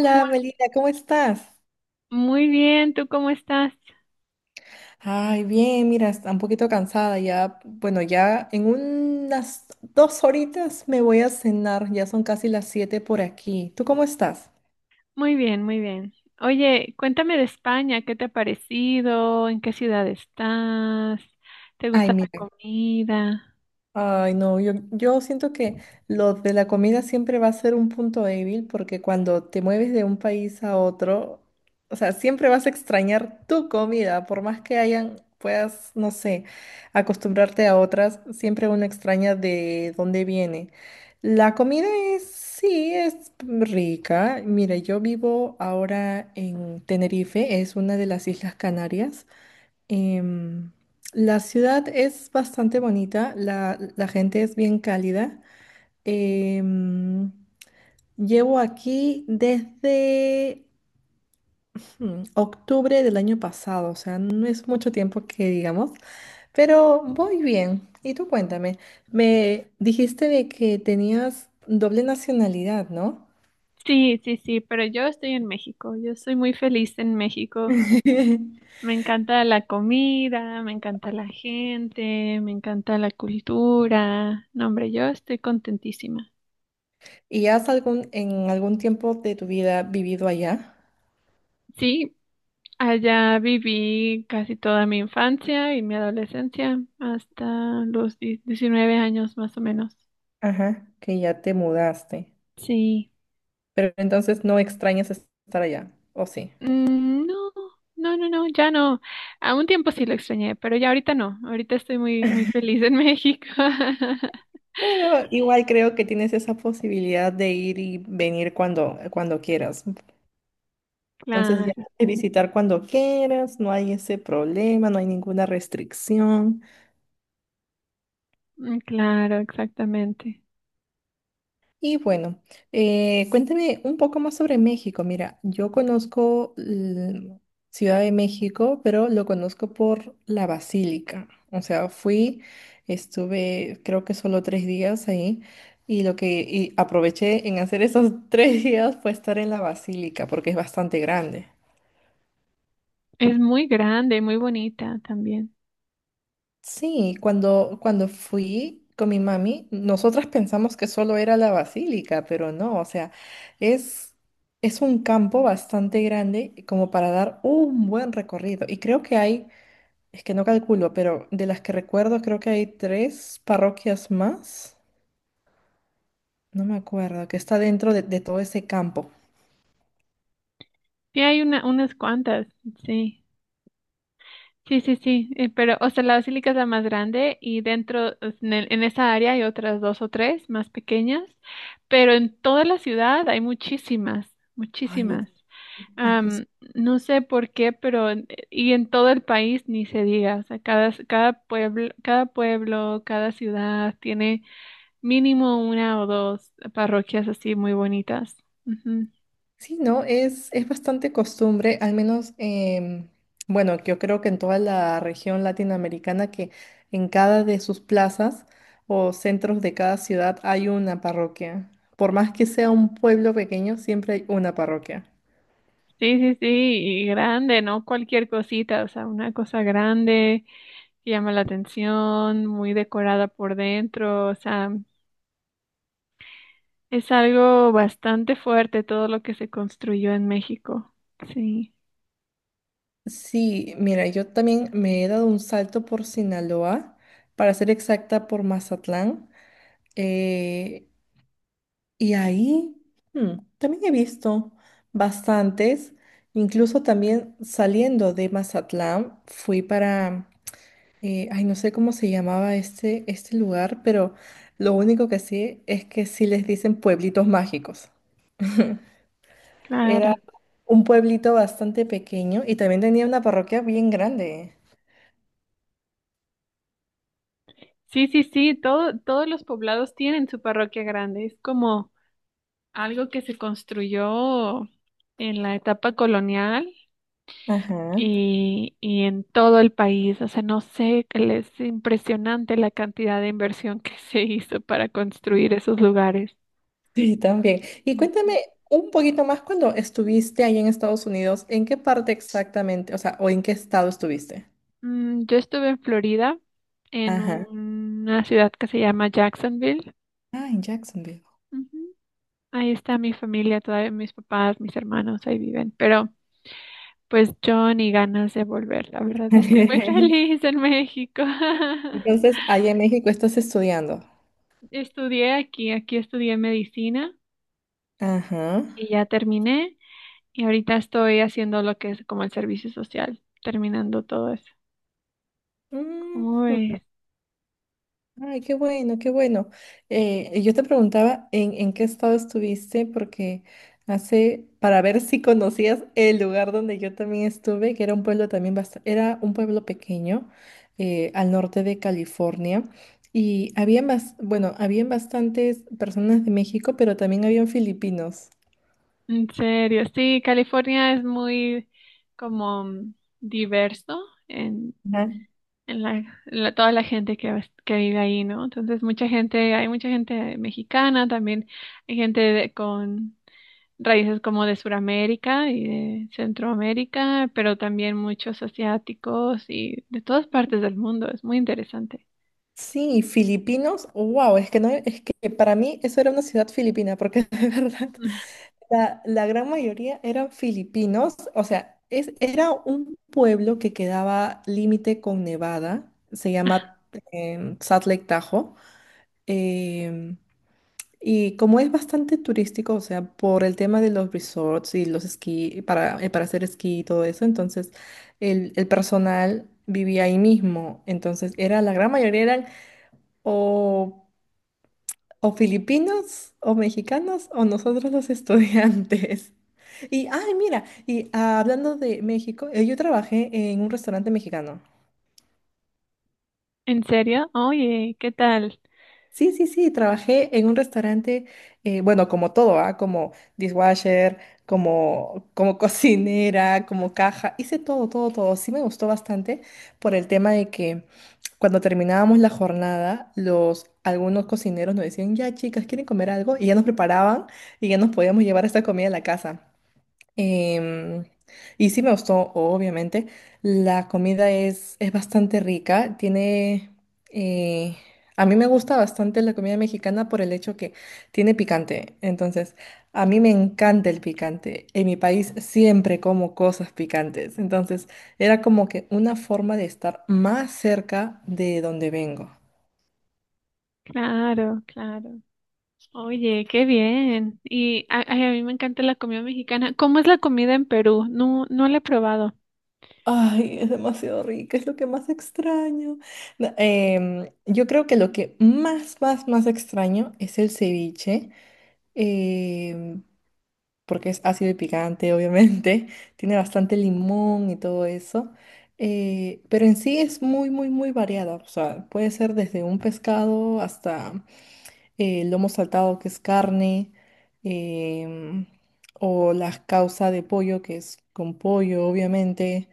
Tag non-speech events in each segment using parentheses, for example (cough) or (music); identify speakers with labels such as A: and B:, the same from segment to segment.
A: ¿Cómo-
B: Melina, ¿cómo estás?
A: Muy bien, ¿tú cómo estás?
B: Ay, bien, mira, está un poquito cansada ya. Bueno, ya en unas dos horitas me voy a cenar, ya son casi las 7 por aquí. ¿Tú cómo estás?
A: Muy bien, muy bien. Oye, cuéntame de España, ¿qué te ha parecido? ¿En qué ciudad estás? ¿Te
B: Ay,
A: gusta la
B: mira.
A: comida?
B: Ay, no, yo siento que lo de la comida siempre va a ser un punto débil porque cuando te mueves de un país a otro, o sea, siempre vas a extrañar tu comida, por más que hayan, puedas, no sé, acostumbrarte a otras, siempre uno extraña de dónde viene. La comida es, sí, es rica. Mira, yo vivo ahora en Tenerife, es una de las Islas Canarias. Em, la ciudad es bastante bonita, la gente es bien cálida. Em, Llevo aquí desde octubre del año pasado, o sea, no es mucho tiempo que digamos, pero voy bien. Y tú cuéntame, me dijiste de que tenías doble nacionalidad, ¿no?
A: Sí, sí, sí, pero yo estoy en México, yo soy muy feliz en México.
B: (laughs)
A: Me encanta la comida, me encanta la gente, me encanta la cultura. No, hombre, yo estoy contentísima.
B: ¿Y en algún tiempo de tu vida vivido allá?
A: Sí. Allá viví casi toda mi infancia y mi adolescencia, hasta los 19 años más o menos.
B: Ajá, que ya te mudaste.
A: Sí.
B: Pero entonces no extrañas estar allá, ¿o sí?
A: Mm, no, no, no, no, ya no. A un tiempo sí lo extrañé, pero ya ahorita no. Ahorita estoy muy, muy feliz en México. (laughs)
B: Pero igual creo que tienes esa posibilidad de ir y venir cuando quieras. Entonces
A: Claro,
B: ya puedes visitar cuando quieras, no hay ese problema, no hay ninguna restricción.
A: mm, claro, exactamente.
B: Y bueno, cuéntame un poco más sobre México. Mira, yo conozco Ciudad de México, pero lo conozco por la Basílica. O sea, estuve creo que solo 3 días ahí y lo que y aproveché en hacer esos (laughs) 3 días fue estar en la Basílica porque es bastante grande.
A: Es muy grande, muy bonita también.
B: Sí, cuando fui con mi mami, nosotras pensamos que solo era la basílica, pero no, o sea, es, es un campo bastante grande como para dar un buen recorrido. Y creo que hay, es que no calculo, pero de las que recuerdo, creo que hay tres parroquias más, no me acuerdo, que está dentro de todo ese campo.
A: Sí, hay una, unas cuantas, sí. Sí, sí, sí, pero, o sea, la basílica es la más grande y dentro, en esa área hay otras dos o tres más pequeñas, pero en toda la ciudad hay muchísimas,
B: Ay,
A: muchísimas.
B: es-
A: Am, no sé por qué, pero, y en todo el país ni se diga, o sea, cada pueblo, cada pueblo, cada ciudad tiene mínimo una o dos parroquias así muy bonitas.
B: Sí, no, es bastante costumbre, al menos, bueno, yo creo que en toda la región latinoamericana, que en cada de sus plazas o centros de cada ciudad hay una parroquia. Por más que sea un pueblo pequeño, siempre hay una parroquia.
A: Sí, sí, sí, y grande, no cualquier cosita, o sea, una cosa grande que llama la atención, muy decorada por dentro, o sea, es algo bastante fuerte todo lo que se construyó en México. Sí,
B: Sí, mira, yo también me he dado un salto por Sinaloa, para ser exacta, por Mazatlán. Eh, Y ahí también he visto bastantes, incluso también saliendo de Mazatlán, fui para, ay, no sé cómo se llamaba este lugar, pero lo único que sí es que sí les dicen pueblitos mágicos. Era
A: claro.
B: un pueblito bastante pequeño y también tenía una parroquia bien grande.
A: Sí, sí, sí, todos los poblados tienen su parroquia grande, es como algo que se construyó en la etapa colonial
B: Ajá.
A: y en todo el país. O sea, no sé, es impresionante la cantidad de inversión que (laughs) se hizo para construir esos lugares.
B: Sí, también. Y cuéntame
A: Ujú.
B: un poquito más cuando estuviste ahí en Estados Unidos, ¿en qué parte exactamente, o sea, o en qué estado estuviste?
A: Yo estuve en Florida, en una ciudad que se llama Jacksonville.
B: Ah, en Jacksonville.
A: Ujú. Ahí está mi familia, todavía mis papás, mis hermanos, ahí viven. Pero pues yo ni ganas de volver, la verdad, estoy muy (laughs)
B: (laughs)
A: feliz en México. (laughs)
B: Entonces, allá en México estás estudiando.
A: Estudié aquí, aquí estudié medicina
B: Ajá.
A: y ya terminé. Y ahorita estoy haciendo lo que es como el servicio social, terminando todo eso.
B: Mm.
A: Uy,
B: Ay, qué bueno, qué bueno. Yo te preguntaba en qué estado estuviste, porque para ver si conocías el lugar donde yo también estuve, que era un pueblo también bastante, era un pueblo pequeño al norte de California. Y habían, bueno, habían bastantes personas de México, pero también habían filipinos.
A: en serio, sí, California es muy como diverso en, en la, en toda la gente que vive ahí, ¿no? Entonces, mucha gente, hay mucha gente mexicana, también hay gente con raíces como de Sudamérica y de Centroamérica, pero también muchos asiáticos y de todas partes del mundo, es muy interesante.
B: Sí, filipinos, wow, es que no, es que para mí eso era una ciudad filipina, porque (laughs) de verdad la gran mayoría eran filipinos, o sea, era un pueblo que quedaba límite con Nevada, se llama Salt Lake Tahoe, em, y como es bastante turístico, o sea, por el tema de los resorts y los esquí, para hacer esquí y todo eso, entonces el personal vivía ahí mismo, entonces era la gran mayoría eran o, o filipinos o mexicanos o nosotros los estudiantes. (laughs) Y, ay, mira, y ah, hablando de México, yo trabajé en un restaurante mexicano.
A: ¿En serio? Oye, ¿qué tal?
B: Sí, sí, sí, trabajé en un restaurante, bueno, como todo, ¿ah? Como dishwasher, como (laughs) cocinera, como caja, hice todo, todo, todo. Sí me gustó bastante por el tema de que cuando terminábamos la jornada, algunos cocineros nos decían, ya chicas, ¿quieren comer algo? Y ya nos preparaban y ya nos podíamos llevar esta comida a la casa. Em, y sí me gustó, obviamente. La comida es bastante rica. Eh, a mí me gusta bastante la comida mexicana por el hecho que tiene picante. Entonces, a mí me encanta el picante. En mi país siempre como cosas picantes. Entonces, era como que una forma de estar más cerca de donde vengo.
A: Claro, claro. Oye, qué bien. Y ay, a mí me encanta la comida mexicana. ¿Cómo es la comida en Perú? No, no la he probado.
B: Ay, es demasiado rica, es lo que más extraño. No, yo creo que lo que más, más, más extraño es el ceviche, em, porque es ácido y picante, obviamente, (laughs) tiene bastante limón y todo eso, pero en sí es muy, muy, muy variada, o sea, puede ser desde un pescado hasta lomo saltado, que es carne, em, o la causa de pollo, que es con pollo, obviamente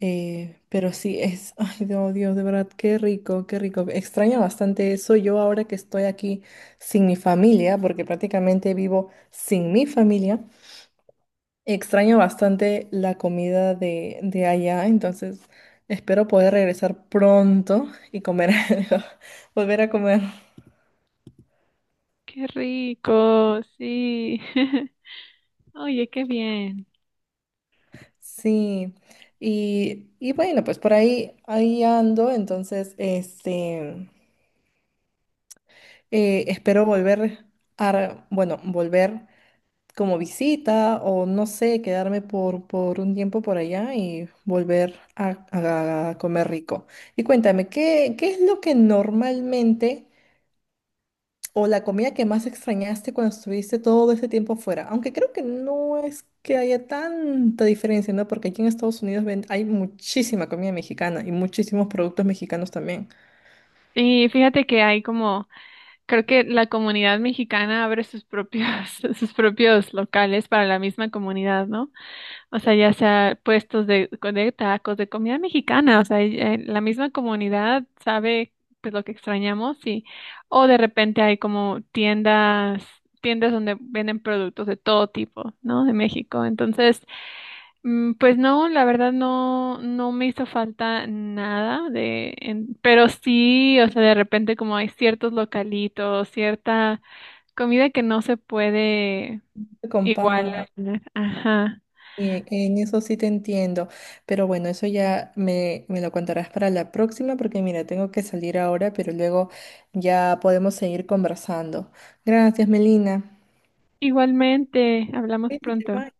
B: pero sí, (laughs) ay, no, Dios, de verdad, qué rico, qué rico. Extraño bastante eso yo ahora que estoy aquí sin mi familia, porque prácticamente vivo sin mi familia. Extraño bastante la comida de allá, entonces espero poder regresar pronto y comer (laughs) algo, volver a comer.
A: Qué rico, sí. (laughs) Oye, qué bien.
B: Sí, y bueno, pues por ahí, ahí ando, entonces, este, espero volver bueno, volver. Como visita o no sé, quedarme por un tiempo por allá y volver a comer rico. Y cuéntame, ¿qué es lo que normalmente o la comida que más extrañaste cuando estuviste todo ese tiempo fuera? Aunque creo que no es que haya tanta diferencia, ¿no? Porque aquí en Estados Unidos hay muchísima comida mexicana y muchísimos productos mexicanos también.
A: Y fíjate que hay, como Creo que la comunidad mexicana abre sus propios, (laughs) sus propios locales para la misma comunidad, ¿no? O sea, ya sea puestos de tacos, de comida mexicana, o sea, y, la misma comunidad sabe pues lo que extrañamos y o de repente hay como tiendas, tiendas donde venden productos de todo tipo, ¿no? De México. Entonces, pues no, la verdad no, no me hizo falta nada pero sí, o sea, de repente como hay ciertos localitos, cierta comida que no se puede
B: Se
A: igualar.
B: compara.
A: Ajá.
B: Bien, en eso sí te entiendo, pero bueno, eso ya me lo contarás para la próxima porque mira, tengo que salir ahora, pero luego ya podemos seguir conversando. Gracias, Melina.
A: Igualmente, hablamos
B: Cuídate,
A: pronto.
B: bye.